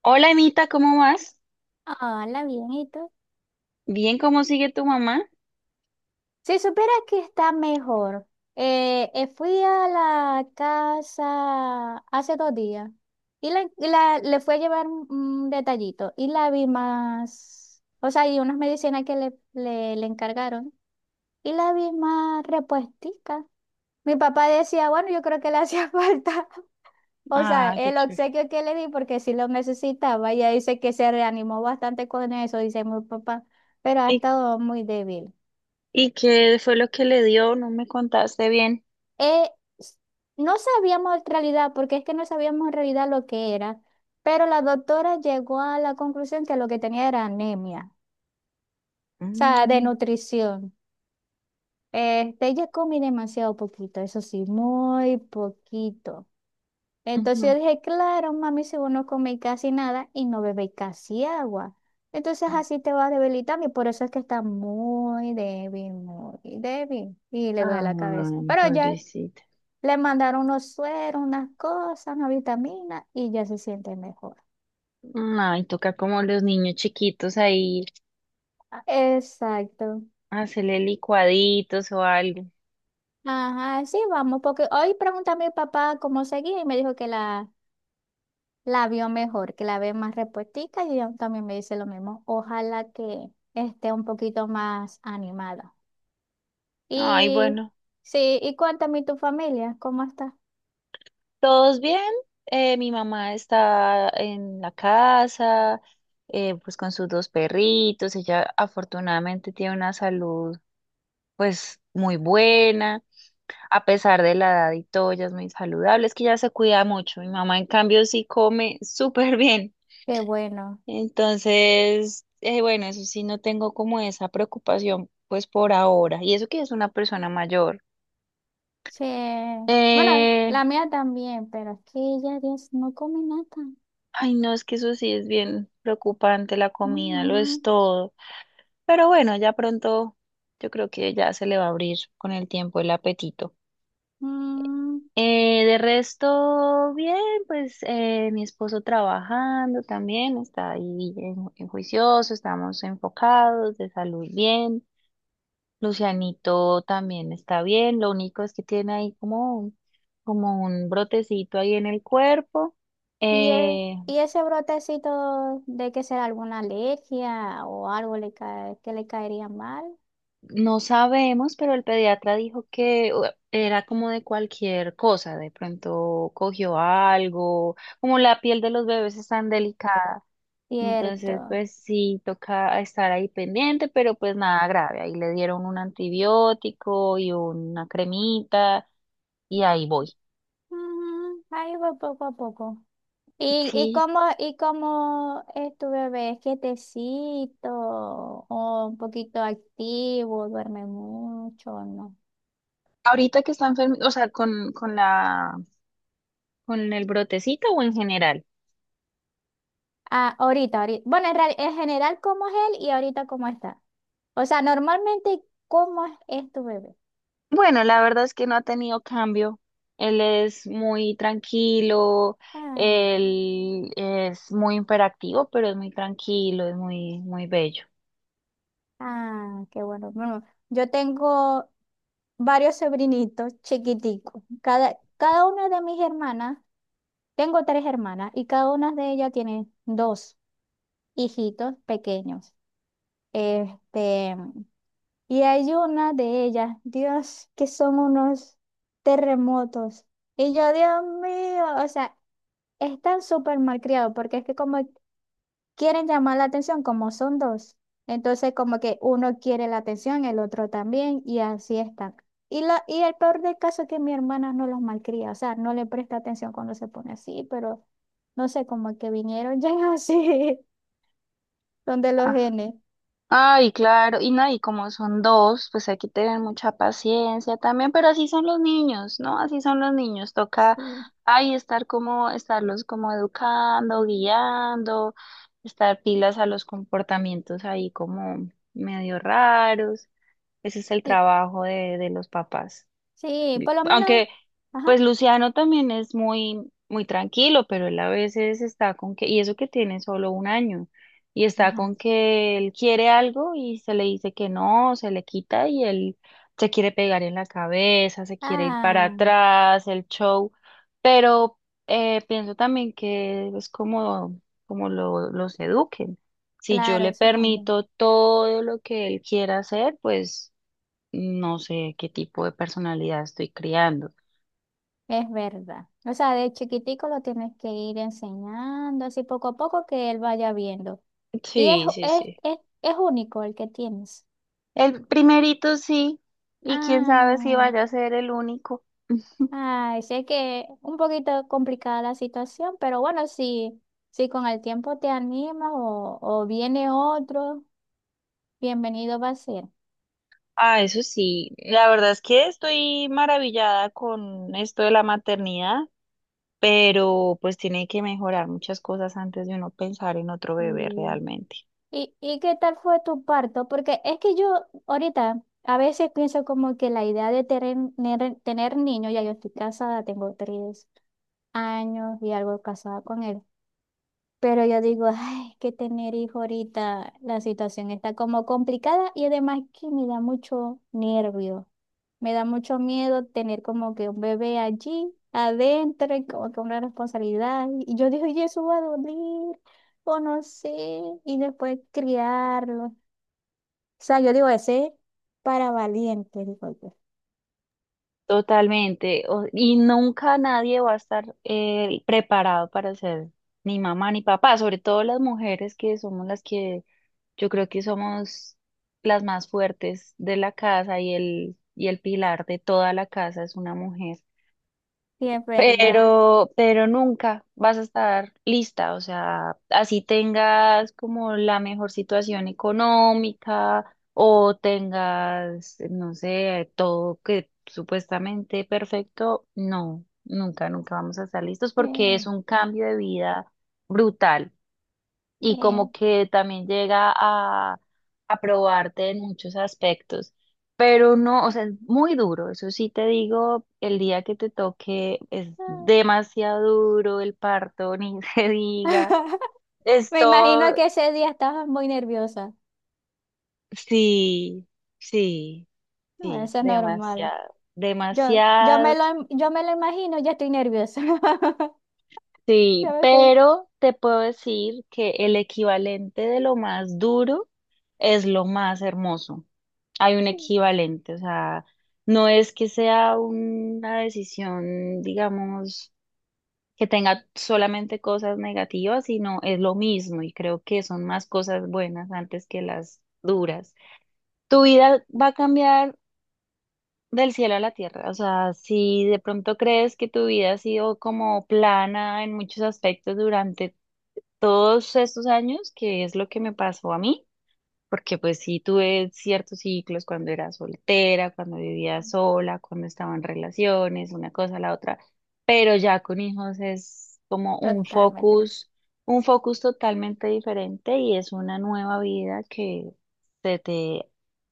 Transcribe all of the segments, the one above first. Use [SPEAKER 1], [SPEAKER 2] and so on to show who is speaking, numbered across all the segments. [SPEAKER 1] Hola, Anita, ¿cómo vas?
[SPEAKER 2] Hola, bien, ¿y tú?
[SPEAKER 1] Bien, ¿cómo sigue tu mamá?
[SPEAKER 2] Si supieras que está mejor. Fui a la casa hace 2 días y le fui a llevar un detallito y la vi más, o sea, y unas medicinas que le encargaron y la vi más repuestica. Mi papá decía, bueno, yo creo que le hacía falta, o sea,
[SPEAKER 1] Ah, qué
[SPEAKER 2] el
[SPEAKER 1] chévere.
[SPEAKER 2] obsequio que le di porque sí lo necesitaba. Ella dice que se reanimó bastante con eso, dice mi papá, pero ha
[SPEAKER 1] ¿Y,
[SPEAKER 2] estado muy débil.
[SPEAKER 1] y qué fue lo que le dio? No me contaste bien.
[SPEAKER 2] Eh, s- no sabíamos en realidad, porque es que no sabíamos en realidad lo que era, pero la doctora llegó a la conclusión que lo que tenía era anemia, o sea, de
[SPEAKER 1] Mm.
[SPEAKER 2] nutrición. Este, ella comí demasiado poquito, eso sí, muy poquito. Entonces
[SPEAKER 1] Ujú.
[SPEAKER 2] yo dije, claro, mami, si vos no coméis casi nada y no bebéis casi agua, entonces así te vas debilitando y por eso es que está muy débil y le duele la cabeza.
[SPEAKER 1] Ay,
[SPEAKER 2] Pero ya.
[SPEAKER 1] pobrecita.
[SPEAKER 2] Le mandaron unos sueros, unas cosas, una vitamina y ya se siente mejor.
[SPEAKER 1] Ay, toca como los niños chiquitos ahí,
[SPEAKER 2] Ah, exacto.
[SPEAKER 1] hacerle licuaditos o algo.
[SPEAKER 2] Ajá, sí, vamos, porque hoy pregunté a mi papá cómo seguía y me dijo que la vio mejor, que la ve más repuestica y ella también me dice lo mismo. Ojalá que esté un poquito más animada.
[SPEAKER 1] Ay,
[SPEAKER 2] Y
[SPEAKER 1] bueno,
[SPEAKER 2] sí, y cuéntame tu familia, ¿cómo está?
[SPEAKER 1] ¿todos bien? Mi mamá está en la casa, pues con sus dos perritos. Ella afortunadamente tiene una salud, pues, muy buena, a pesar de la edad y todo. Ella es muy saludable, es que ya se cuida mucho. Mi mamá, en cambio, sí come súper bien.
[SPEAKER 2] Qué bueno.
[SPEAKER 1] Entonces, bueno, eso sí, no tengo como esa preocupación, pues por ahora. Y eso que es una persona mayor.
[SPEAKER 2] Sí. Bueno,
[SPEAKER 1] Eh,
[SPEAKER 2] la mía también, pero es que ella, Dios, no come nada.
[SPEAKER 1] ay, no, es que eso sí es bien preocupante, la comida lo es
[SPEAKER 2] Ujú.
[SPEAKER 1] todo. Pero bueno, ya pronto yo creo que ya se le va a abrir con el tiempo el apetito.
[SPEAKER 2] Mm.
[SPEAKER 1] De resto, bien, pues mi esposo trabajando también, está ahí en juicioso, estamos enfocados, de salud bien. Lucianito también está bien, lo único es que tiene ahí como un- como un brotecito ahí en el cuerpo.
[SPEAKER 2] ¿Y, e-
[SPEAKER 1] Eh,
[SPEAKER 2] y ese brotecito de que será alguna alergia o algo le cae, que le caería mal?
[SPEAKER 1] no sabemos, pero el pediatra dijo que u- era como de cualquier cosa, de pronto cogió algo, como la piel de los bebés es tan delicada. Entonces,
[SPEAKER 2] Cierto.
[SPEAKER 1] pues sí, toca estar ahí pendiente, pero pues nada grave. Ahí le dieron un antibiótico y una cremita y ahí voy.
[SPEAKER 2] Ujú, ahí va poco a poco.
[SPEAKER 1] Sí.
[SPEAKER 2] Y cómo es tu bebé? ¿Es quietecito o un poquito activo? ¿Duerme mucho o no?
[SPEAKER 1] Ahorita que está enfermo, o sea, con la, con el brotecito o en general.
[SPEAKER 2] Ah, ahorita, ahorita. Bueno, en general, ¿cómo es él y ahorita cómo está? O sea, normalmente, ¿cómo es tu bebé?
[SPEAKER 1] Bueno, la verdad es que no ha tenido cambio. Él es muy tranquilo,
[SPEAKER 2] Ah,
[SPEAKER 1] él es muy imperactivo, pero es muy tranquilo, es muy, muy bello.
[SPEAKER 2] ah, qué bueno. Bueno, yo tengo varios sobrinitos chiquiticos. Cada una de mis hermanas, tengo tres hermanas y cada una de ellas tiene dos hijitos pequeños. Este, y hay una de ellas, Dios, que son unos terremotos. Y yo, Dios mío, o sea, están súper malcriados porque es que como quieren llamar la atención como son dos. Entonces, como que uno quiere la atención, el otro también, y así están. Y el peor del caso es que mi hermana no los malcría, o sea, no le presta atención cuando se pone así, pero no sé, como que vinieron ya así, donde los genes.
[SPEAKER 1] Ay, claro, y no, y como son dos, pues hay que tener mucha paciencia también, pero así son los niños, ¿no? Así son los niños, toca
[SPEAKER 2] Sí,
[SPEAKER 1] ahí estar como, estarlos como educando, guiando, estar pilas a los comportamientos ahí como medio raros. Ese es el
[SPEAKER 2] sí,
[SPEAKER 1] trabajo de los papás.
[SPEAKER 2] sí, por lo menos.
[SPEAKER 1] Aunque,
[SPEAKER 2] Ajá,
[SPEAKER 1] pues Luciano también es muy, muy tranquilo, pero él a veces está con que, y eso que tiene solo un año, y está con
[SPEAKER 2] ajá.
[SPEAKER 1] que él quiere algo y se le dice que no, se le quita y él se quiere pegar en la cabeza, se quiere ir para
[SPEAKER 2] Ah,
[SPEAKER 1] atrás, el show, pero pienso también que es como, como lo, los eduquen. Si yo
[SPEAKER 2] claro,
[SPEAKER 1] le
[SPEAKER 2] eso también.
[SPEAKER 1] permito todo lo que él quiera hacer, pues no sé qué tipo de personalidad estoy criando.
[SPEAKER 2] Es verdad. O sea, de chiquitico lo tienes que ir enseñando, así poco a poco que él vaya viendo. Y es,
[SPEAKER 1] Sí, sí,
[SPEAKER 2] es,
[SPEAKER 1] sí.
[SPEAKER 2] es, es único el que tienes.
[SPEAKER 1] El primerito sí, y quién sabe si
[SPEAKER 2] Ah,
[SPEAKER 1] vaya a ser el único.
[SPEAKER 2] ay, sé que un poquito complicada la situación, pero bueno, si, si con el tiempo te animas o viene otro, bienvenido va a ser.
[SPEAKER 1] Ah, eso sí. La verdad es que estoy maravillada con esto de la maternidad, pero pues tiene que mejorar muchas cosas antes de uno pensar en otro bebé
[SPEAKER 2] Mm.
[SPEAKER 1] realmente.
[SPEAKER 2] Y qué tal fue tu parto? Porque es que yo ahorita a veces pienso como que la idea de tener niños, ya yo estoy casada, tengo 3 años y algo casada con él. Pero yo digo, ay, que tener hijo ahorita, la situación está como complicada y además que me da mucho nervio, me da mucho miedo tener como que un bebé allí adentro y como que una responsabilidad. Y yo digo, y eso va a doler, o no sé, y después criarlo. O sea, yo digo, ese es para valiente, digo yo.
[SPEAKER 1] Totalmente. O- y nunca nadie va a estar preparado para ser ni mamá ni papá, sobre todo las mujeres, que somos las que yo creo que somos las más fuertes de la casa, y el pilar de toda la casa es una mujer.
[SPEAKER 2] Sí, es verdad.
[SPEAKER 1] Pero nunca vas a estar lista, o sea, así tengas como la mejor situación económica o tengas, no sé, todo que supuestamente perfecto. No, nunca, nunca vamos a estar listos
[SPEAKER 2] Sí,
[SPEAKER 1] porque es un cambio de vida brutal y como
[SPEAKER 2] sí.
[SPEAKER 1] que también llega a probarte en muchos aspectos. Pero no, o sea, es muy duro, eso sí te digo, el día que te toque es demasiado duro, el parto ni se diga. Es
[SPEAKER 2] Me imagino
[SPEAKER 1] todo,
[SPEAKER 2] que ese día estabas muy nerviosa.
[SPEAKER 1] sí, sí,
[SPEAKER 2] No,
[SPEAKER 1] sí,
[SPEAKER 2] eso es normal.
[SPEAKER 1] demasiado,
[SPEAKER 2] Yo, yo me
[SPEAKER 1] demasiado.
[SPEAKER 2] lo, im- yo me lo imagino, ya estoy nerviosa. Ya
[SPEAKER 1] Sí,
[SPEAKER 2] me estoy.
[SPEAKER 1] pero te puedo decir que el equivalente de lo más duro es lo más hermoso. Hay un equivalente, o sea, no es que sea una decisión, digamos, que tenga solamente cosas negativas, sino es lo mismo, y creo que son más cosas buenas antes que las duras. Tu vida va a cambiar del cielo a la tierra, o sea, si de pronto crees que tu vida ha sido como plana en muchos aspectos durante todos estos años, que es lo que me pasó a mí, porque pues sí tuve ciertos ciclos cuando era soltera, cuando vivía sola, cuando estaba en relaciones, una cosa, la otra, pero ya con hijos es como
[SPEAKER 2] Totalmente.
[SPEAKER 1] un focus totalmente diferente, y es una nueva vida que se te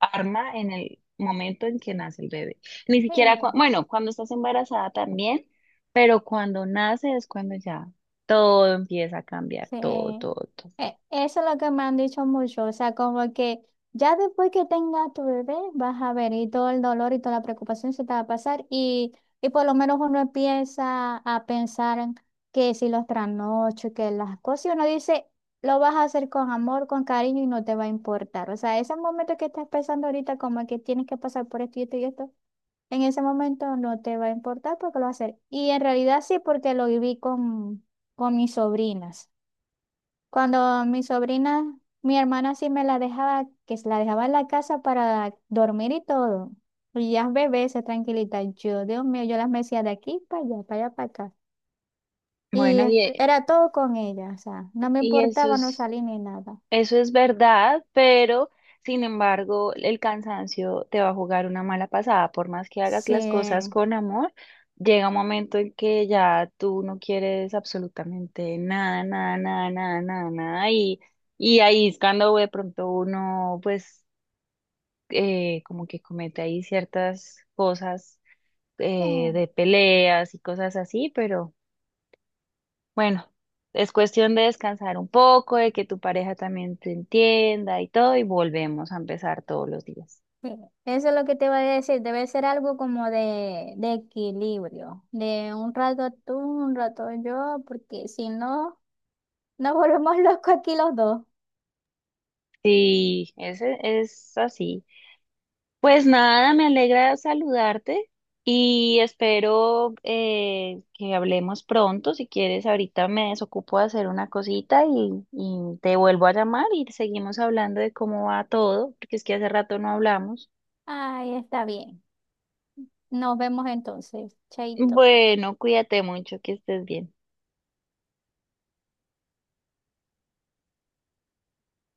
[SPEAKER 1] arma en el momento en que nace el bebé. Ni
[SPEAKER 2] Sí.
[SPEAKER 1] siquiera, cua- bueno, cuando estás embarazada también, pero cuando nace es cuando ya todo empieza a cambiar,
[SPEAKER 2] Sí,
[SPEAKER 1] todo, todo, todo.
[SPEAKER 2] eso es lo que me han dicho mucho, o sea, como que ya después que tengas tu bebé vas a ver y todo el dolor y toda la preocupación se te va a pasar y por lo menos uno empieza a pensar en que si los trasnochos, que las cosas, y uno dice, lo vas a hacer con amor, con cariño y no te va a importar, o sea, ese momento que estás pensando ahorita como que tienes que pasar por esto y esto y esto, en ese momento no te va a importar porque lo vas a hacer. Y en realidad sí, porque lo viví con mis sobrinas. Cuando mi sobrina, mi hermana sí me la dejaba, que se la dejaba en la casa para dormir y todo. Y ya bebés, se tranquilita. Yo, Dios mío, yo las mecía de aquí para allá, para allá, para acá. Y
[SPEAKER 1] Bueno,
[SPEAKER 2] este,
[SPEAKER 1] e-
[SPEAKER 2] era todo con ella, o sea, no me
[SPEAKER 1] y eso
[SPEAKER 2] importaba no
[SPEAKER 1] es...
[SPEAKER 2] salir ni nada.
[SPEAKER 1] Eso es verdad, pero sin embargo, el cansancio te va a jugar una mala pasada. Por más que hagas
[SPEAKER 2] Sí,
[SPEAKER 1] las cosas con amor, llega un momento en que ya tú no quieres absolutamente nada, nada, nada, nada, nada, nada. Y ahí es cuando de pronto uno, pues, como que comete ahí ciertas cosas
[SPEAKER 2] sí,
[SPEAKER 1] de peleas y cosas así, pero. Bueno, es cuestión de descansar un poco, de que tu pareja también te entienda y todo, y volvemos a empezar todos los días.
[SPEAKER 2] sí. Eso es lo que te iba a decir, debe ser algo como de, equilibrio, de un rato tú, un rato yo, porque si no, nos volvemos locos aquí los dos.
[SPEAKER 1] Sí, ese es así. Pues nada, me alegra saludarte y espero que hablemos pronto. Si quieres, ahorita me desocupo de hacer una cosita y te vuelvo a llamar y seguimos hablando de cómo va todo, porque es que hace rato no hablamos.
[SPEAKER 2] Ay, está bien. Nos vemos entonces. Chaito.
[SPEAKER 1] Bueno, cuídate mucho, que estés bien.